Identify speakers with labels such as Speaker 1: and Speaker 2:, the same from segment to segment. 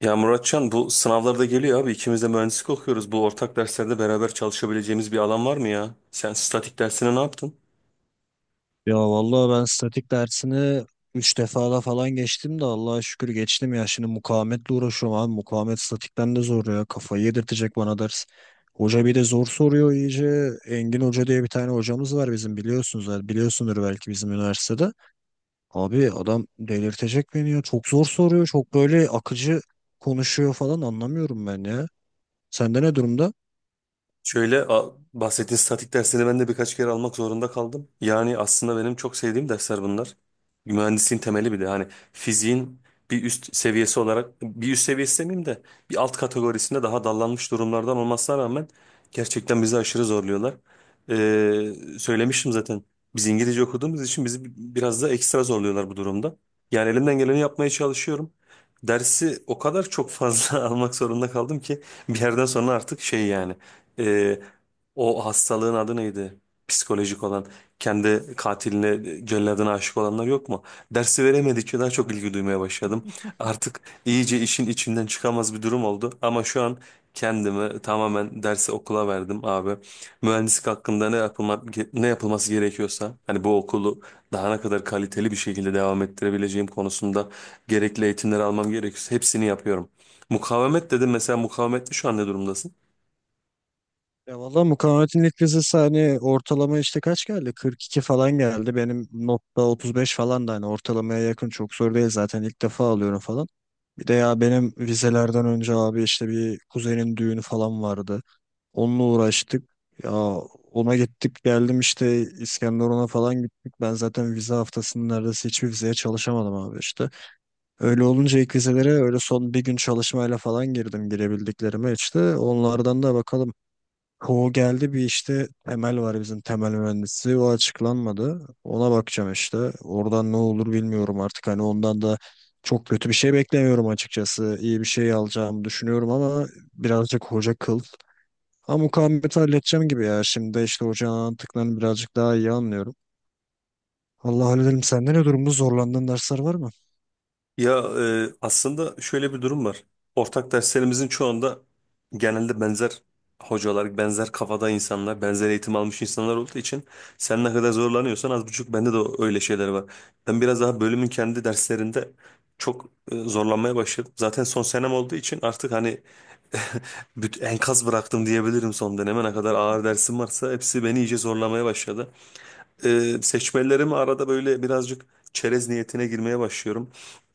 Speaker 1: Ya Muratcan bu sınavlarda geliyor abi. İkimiz de mühendislik okuyoruz. Bu ortak derslerde beraber çalışabileceğimiz bir alan var mı ya? Sen statik dersine ne yaptın?
Speaker 2: Ya vallahi ben statik dersini 3 defada falan geçtim de Allah'a şükür geçtim ya. Şimdi mukavemetle uğraşıyorum abi. Mukavemet statikten de zor ya. Kafayı yedirtecek bana ders. Hoca bir de zor soruyor iyice. Engin Hoca diye bir tane hocamız var bizim, biliyorsunuz. Yani biliyorsundur belki, bizim üniversitede. Abi adam delirtecek beni ya. Çok zor soruyor. Çok böyle akıcı konuşuyor falan, anlamıyorum ben ya. Sende ne durumda?
Speaker 1: Bahsettiğin statik dersini ben de birkaç kere almak zorunda kaldım. Yani aslında benim çok sevdiğim dersler bunlar. Mühendisliğin temeli bir de hani fiziğin bir üst seviyesi olarak bir üst seviyesi demeyeyim de bir alt kategorisinde daha dallanmış durumlardan olmasına rağmen gerçekten bizi aşırı zorluyorlar. Söylemiştim zaten biz İngilizce okuduğumuz için bizi biraz da ekstra zorluyorlar bu durumda. Yani elimden geleni yapmaya çalışıyorum. Dersi o kadar çok fazla almak zorunda kaldım ki bir yerden sonra artık şey yani e, o hastalığın adı neydi? Psikolojik olan, kendi katiline, celladına aşık olanlar yok mu? Dersi veremedikçe daha çok ilgi duymaya başladım. Artık iyice işin içinden çıkamaz bir durum oldu. Ama şu an kendimi tamamen dersi okula verdim abi. Mühendislik hakkında ne yapılma, ne yapılması gerekiyorsa, hani bu okulu daha ne kadar kaliteli bir şekilde devam ettirebileceğim konusunda gerekli eğitimleri almam gerekiyorsa hepsini yapıyorum. Mukavemet dedim mesela mukavemette şu an ne durumdasın?
Speaker 2: Ya valla mukavemetin ilk vizesi hani ortalama işte kaç geldi? 42 falan geldi. Benim notta 35 falan, da hani ortalamaya yakın, çok zor değil zaten, ilk defa alıyorum falan. Bir de ya benim vizelerden önce abi işte bir kuzenin düğünü falan vardı. Onunla uğraştık. Ya ona gittik geldim işte, İskenderun'a falan gittik. Ben zaten vize haftasının neredeyse hiçbir vizeye çalışamadım abi işte. Öyle olunca ilk vizelere öyle son bir gün çalışmayla falan girdim, girebildiklerime işte. Onlardan da bakalım. Ko geldi bir işte, Temel var bizim, temel mühendisi, o açıklanmadı. Ona bakacağım işte. Oradan ne olur bilmiyorum artık, hani ondan da çok kötü bir şey beklemiyorum açıkçası. İyi bir şey alacağımı düşünüyorum ama birazcık hoca kıl. Ama mukavemeti halledeceğim gibi ya. Şimdi de işte hocanın anlattıklarını birazcık daha iyi anlıyorum. Allah hallederim. Sende ne durumda, zorlandığın dersler var mı?
Speaker 1: Ya aslında şöyle bir durum var. Ortak derslerimizin çoğunda genelde benzer hocalar, benzer kafada insanlar, benzer eğitim almış insanlar olduğu için sen ne kadar zorlanıyorsan az buçuk bende de öyle şeyler var. Ben biraz daha bölümün kendi derslerinde çok zorlanmaya başladım. Zaten son senem olduğu için artık hani enkaz bıraktım diyebilirim son döneme. Ne kadar ağır dersim varsa hepsi beni iyice zorlamaya başladı. Seçmelerimi arada böyle birazcık çerez niyetine girmeye başlıyorum.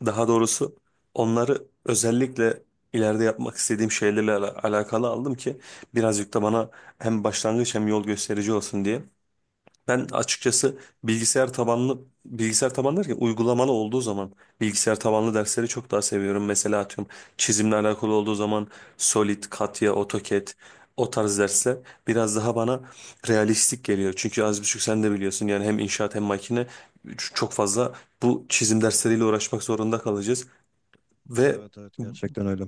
Speaker 1: Daha doğrusu onları özellikle ileride yapmak istediğim şeylerle alakalı aldım ki birazcık da bana hem başlangıç hem yol gösterici olsun diye. Ben açıkçası bilgisayar tabanlı derken uygulamalı olduğu zaman bilgisayar tabanlı dersleri çok daha seviyorum. Mesela atıyorum çizimle alakalı olduğu zaman Solid, Katya, AutoCAD o tarz dersler biraz daha bana realistik geliyor. Çünkü az buçuk sen de biliyorsun yani hem inşaat hem makine çok fazla bu çizim dersleriyle uğraşmak zorunda kalacağız ve
Speaker 2: Evet, evet, gerçekten öyle.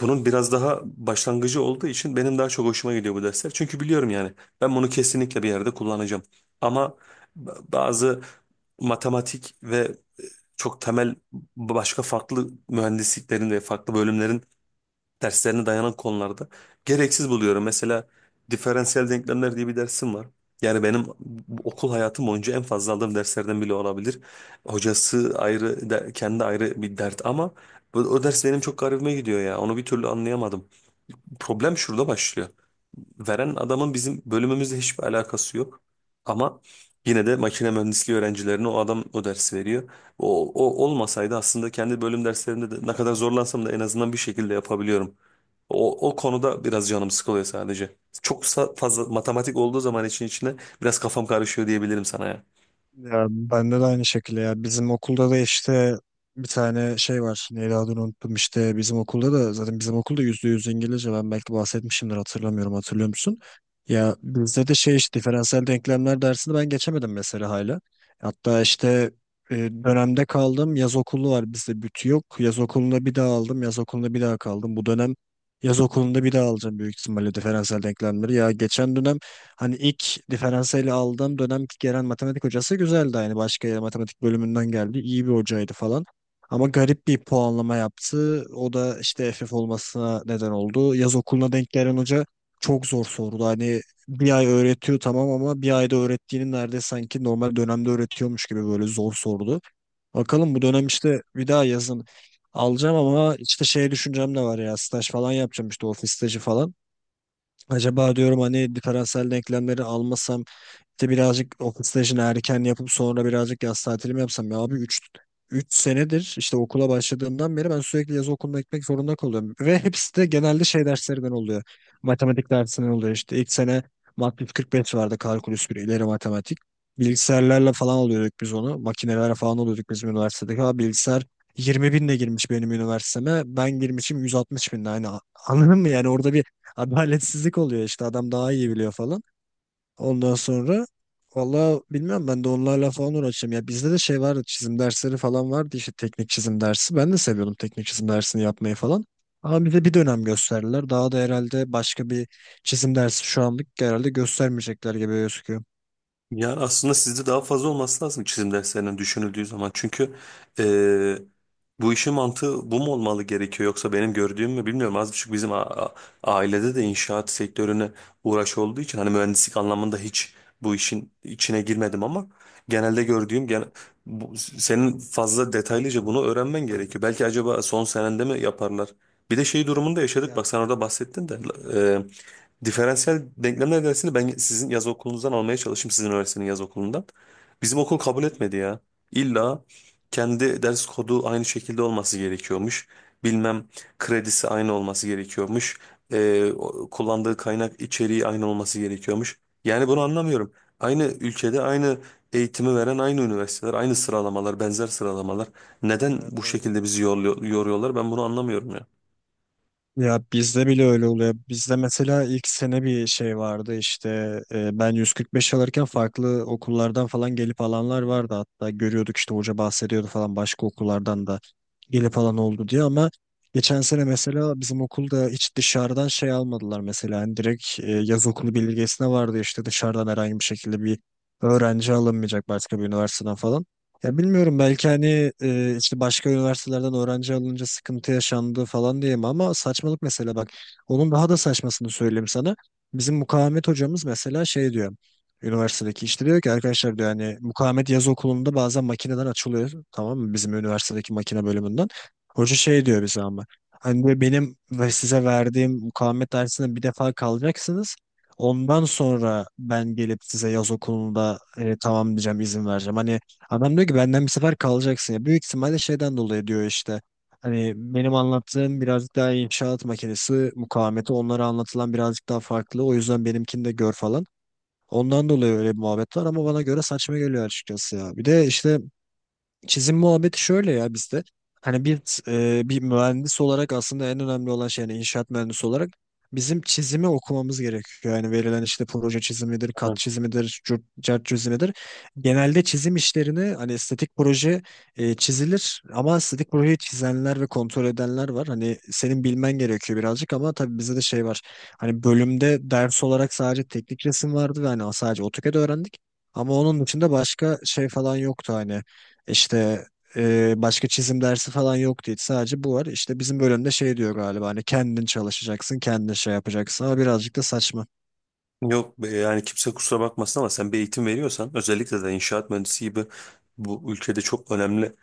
Speaker 1: bunun biraz daha başlangıcı olduğu için benim daha çok hoşuma gidiyor bu dersler. Çünkü biliyorum yani ben bunu kesinlikle bir yerde kullanacağım. Ama bazı matematik ve çok temel başka farklı mühendisliklerin ve farklı bölümlerin derslerine dayanan konularda gereksiz buluyorum. Mesela diferansiyel denklemler diye bir dersim var. Yani benim okul hayatım boyunca en fazla aldığım derslerden bile olabilir. Hocası ayrı, kendi ayrı bir dert ama o ders benim çok garibime gidiyor ya. Onu bir türlü anlayamadım, problem şurada başlıyor. Veren adamın bizim bölümümüzle hiçbir alakası yok. Ama yine de makine mühendisliği öğrencilerine o adam o dersi veriyor. O olmasaydı aslında kendi bölüm derslerimde de ne kadar zorlansam da en azından bir şekilde yapabiliyorum. O konuda biraz canım sıkılıyor sadece. Fazla matematik olduğu zaman için içine biraz kafam karışıyor diyebilirim sana ya.
Speaker 2: Ya bende de aynı şekilde ya. Bizim okulda da işte bir tane şey var. Neydi, adını unuttum işte. Bizim okulda da zaten, bizim okulda %100 İngilizce. Ben belki bahsetmişimdir, hatırlamıyorum. Hatırlıyor musun? Ya bizde de şey işte, diferansiyel denklemler dersini ben geçemedim mesela hala. Hatta işte dönemde kaldım. Yaz okulu var bizde, bütü yok. Yaz okulunda bir daha aldım. Yaz okulunda bir daha kaldım. Bu dönem yaz okulunda bir daha alacağım büyük ihtimalle diferansiyel denklemleri. Ya geçen dönem, hani ilk diferansiyeli aldığım dönem gelen matematik hocası güzeldi. Yani başka yer, matematik bölümünden geldi. İyi bir hocaydı falan. Ama garip bir puanlama yaptı. O da işte FF olmasına neden oldu. Yaz okuluna denk gelen hoca çok zor sordu. Hani bir ay öğretiyor, tamam, ama bir ayda öğrettiğini neredeyse sanki normal dönemde öğretiyormuş gibi böyle zor sordu. Bakalım bu dönem işte, bir daha yazın alacağım ama işte şey düşüncem de var ya, staj falan yapacağım işte, ofis stajı falan. Acaba diyorum hani diferansiyel denklemleri almasam, işte birazcık okul stajını erken yapıp sonra birazcık yaz tatilimi yapsam. Ya abi üç senedir işte okula başladığımdan beri ben sürekli yaz okuluna gitmek zorunda kalıyorum. Ve hepsi de genelde şey derslerinden oluyor. Matematik dersinden oluyor işte. İlk sene Mat yüz kırk beş vardı, kalkulüs bir, ileri matematik. Bilgisayarlarla falan alıyorduk biz onu. Makinelerle falan alıyorduk bizim üniversitedeki. Ha, bilgisayar 20 binle girmiş benim üniversiteme. Ben girmişim 160.000'le. Hani anladın mı yani, orada bir adaletsizlik oluyor işte, adam daha iyi biliyor falan. Ondan sonra valla bilmem, ben de onlarla falan uğraşacağım. Ya bizde de şey vardı, çizim dersleri falan vardı işte, teknik çizim dersi. Ben de seviyordum teknik çizim dersini yapmayı falan. Ama bize bir dönem gösterdiler. Daha da herhalde başka bir çizim dersi şu anlık herhalde göstermeyecekler gibi gözüküyor.
Speaker 1: Yani aslında sizde daha fazla olması lazım çizim derslerinin düşünüldüğü zaman. Çünkü eee, bu işin mantığı bu mu olmalı gerekiyor yoksa benim gördüğüm mü bilmiyorum. Az buçuk bizim ailede de inşaat sektörüne uğraş olduğu için hani mühendislik anlamında hiç bu işin içine girmedim ama genelde gördüğüm
Speaker 2: Hı
Speaker 1: gene,
Speaker 2: hı.
Speaker 1: bu, senin fazla detaylıca bunu öğrenmen gerekiyor. Belki acaba son senende mi yaparlar? Bir de şey durumunda yaşadık.
Speaker 2: Ya.
Speaker 1: Bak sen orada bahsettin de
Speaker 2: Hı
Speaker 1: diferansiyel denklemler dersini ben sizin yaz okulunuzdan almaya çalıştım. Sizin üniversitenin yaz okulundan. Bizim okul kabul
Speaker 2: hı.
Speaker 1: etmedi ya. İlla kendi ders kodu aynı şekilde olması gerekiyormuş. Bilmem kredisi aynı olması gerekiyormuş. Kullandığı kaynak içeriği aynı olması gerekiyormuş. Yani bunu anlamıyorum. Aynı ülkede aynı eğitimi veren aynı üniversiteler, aynı sıralamalar, benzer sıralamalar. Neden
Speaker 2: Evet,
Speaker 1: bu
Speaker 2: evet.
Speaker 1: şekilde bizi yoruyorlar? Ben bunu anlamıyorum ya.
Speaker 2: Ya bizde bile öyle oluyor. Bizde mesela ilk sene bir şey vardı işte, ben 145 alırken farklı okullardan falan gelip alanlar vardı, hatta görüyorduk işte, hoca bahsediyordu falan, başka okullardan da gelip alan oldu diye. Ama geçen sene mesela bizim okulda hiç dışarıdan şey almadılar mesela, yani direkt yaz okulu bildirgesine vardı işte, dışarıdan herhangi bir şekilde bir öğrenci alınmayacak başka bir üniversiteden falan. Ya bilmiyorum, belki hani işte başka üniversitelerden öğrenci alınca sıkıntı yaşandı falan diyeyim ama saçmalık mesela. Bak, onun daha da saçmasını söyleyeyim sana. Bizim mukavemet hocamız mesela şey diyor, üniversitedeki işte, diyor ki arkadaşlar, diyor, hani mukavemet yaz okulunda bazen makineden açılıyor, tamam mı, bizim üniversitedeki makine bölümünden. Hoca şey diyor bize ama, hani diyor, benim ve size verdiğim mukavemet dersine bir defa kalacaksınız. Ondan sonra ben gelip size yaz okulunda tamam diyeceğim, izin vereceğim. Hani adam diyor ki benden bir sefer kalacaksın ya. Büyük ihtimalle şeyden dolayı diyor işte. Hani benim anlattığım birazcık daha inşaat makinesi mukavemeti, onlara anlatılan birazcık daha farklı. O yüzden benimkini de gör falan. Ondan dolayı öyle bir muhabbet var ama bana göre saçma geliyor açıkçası ya. Bir de işte çizim muhabbeti şöyle ya bizde. Hani bir mühendis olarak aslında en önemli olan şey, yani inşaat mühendisi olarak bizim çizimi okumamız gerekiyor. Yani verilen işte proje çizimidir, kat çizimidir, cürt, cart çizimidir. Genelde çizim işlerini hani estetik proje çizilir ama estetik projeyi çizenler ve kontrol edenler var. Hani senin bilmen gerekiyor birazcık ama tabii bizde de şey var. Hani bölümde ders olarak sadece teknik resim vardı ve hani sadece AutoCAD öğrendik. Ama onun dışında başka şey falan yoktu hani. İşte başka çizim dersi falan yoktu hiç. Sadece bu var. İşte bizim bölümde şey diyor galiba, hani kendin çalışacaksın, kendin şey yapacaksın ama birazcık da saçma.
Speaker 1: Yok yani kimse kusura bakmasın ama sen bir eğitim veriyorsan özellikle de inşaat mühendisi gibi bu ülkede çok önemli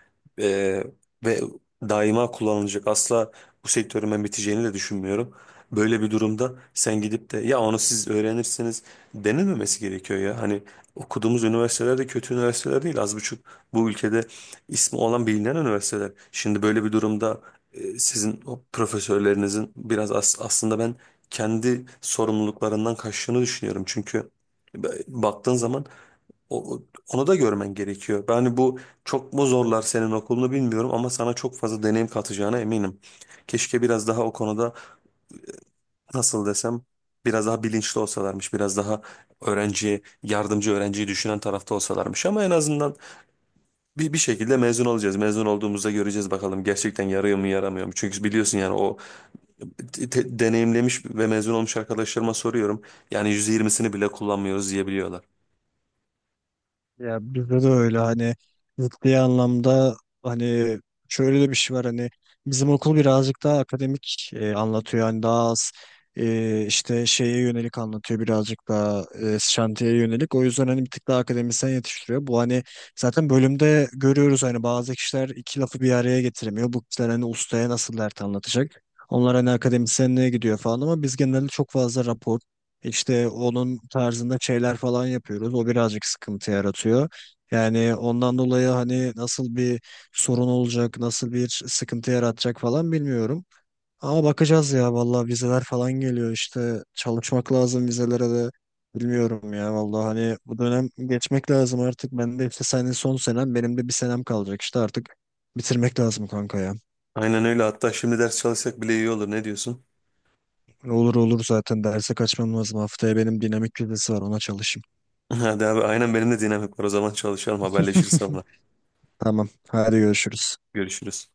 Speaker 1: e, ve daima kullanılacak, asla bu sektörün ben biteceğini de düşünmüyorum. Böyle bir durumda sen gidip de ya onu siz öğrenirsiniz denilmemesi gerekiyor ya. Hani okuduğumuz üniversiteler de kötü üniversiteler değil, az buçuk bu ülkede ismi olan bilinen üniversiteler. Şimdi böyle bir durumda sizin o profesörlerinizin biraz aslında ben kendi sorumluluklarından kaçtığını düşünüyorum. Çünkü baktığın zaman o- onu da görmen gerekiyor. Yani bu çok mu zorlar senin okulunu bilmiyorum ama sana çok fazla deneyim katacağına eminim. Keşke biraz daha o konuda nasıl desem biraz daha bilinçli olsalarmış, biraz daha öğrenciye, yardımcı öğrenciyi düşünen tarafta olsalarmış ama en azından bir şekilde mezun olacağız. Mezun olduğumuzda göreceğiz bakalım gerçekten yarıyor mu yaramıyor mu? Çünkü biliyorsun yani o deneyimlemiş ve mezun olmuş arkadaşlarıma soruyorum. Yani %20'sini bile kullanmıyoruz diyebiliyorlar.
Speaker 2: Ya bizde de öyle hani, ciddi anlamda, hani şöyle de bir şey var, hani bizim okul birazcık daha akademik anlatıyor, hani daha az işte şeye yönelik anlatıyor, birazcık daha şantiyeye yönelik. O yüzden hani bir tık daha akademisyen yetiştiriyor bu, hani zaten bölümde görüyoruz hani, bazı kişiler iki lafı bir araya getiremiyor, bu kişiler hani ustaya nasıl dert anlatacak, onlar hani akademisyenliğe gidiyor falan. Ama biz genelde çok fazla rapor işte, onun tarzında şeyler falan yapıyoruz. O birazcık sıkıntı yaratıyor. Yani ondan dolayı hani nasıl bir sorun olacak, nasıl bir sıkıntı yaratacak falan bilmiyorum. Ama bakacağız ya vallahi, vizeler falan geliyor işte, çalışmak lazım vizelere de. Bilmiyorum ya vallahi, hani bu dönem geçmek lazım artık. Ben de işte, senin son senem, benim de bir senem kalacak işte, artık bitirmek lazım kanka ya.
Speaker 1: Aynen öyle. Hatta şimdi ders çalışsak bile iyi olur. Ne diyorsun?
Speaker 2: Olur, olur, zaten derse kaçmam lazım, haftaya benim dinamik vizesi var, ona çalışayım.
Speaker 1: Hadi abi aynen benim de dinamik var. O zaman çalışalım. Haberleşiriz sonra.
Speaker 2: Tamam. Hadi görüşürüz.
Speaker 1: Görüşürüz.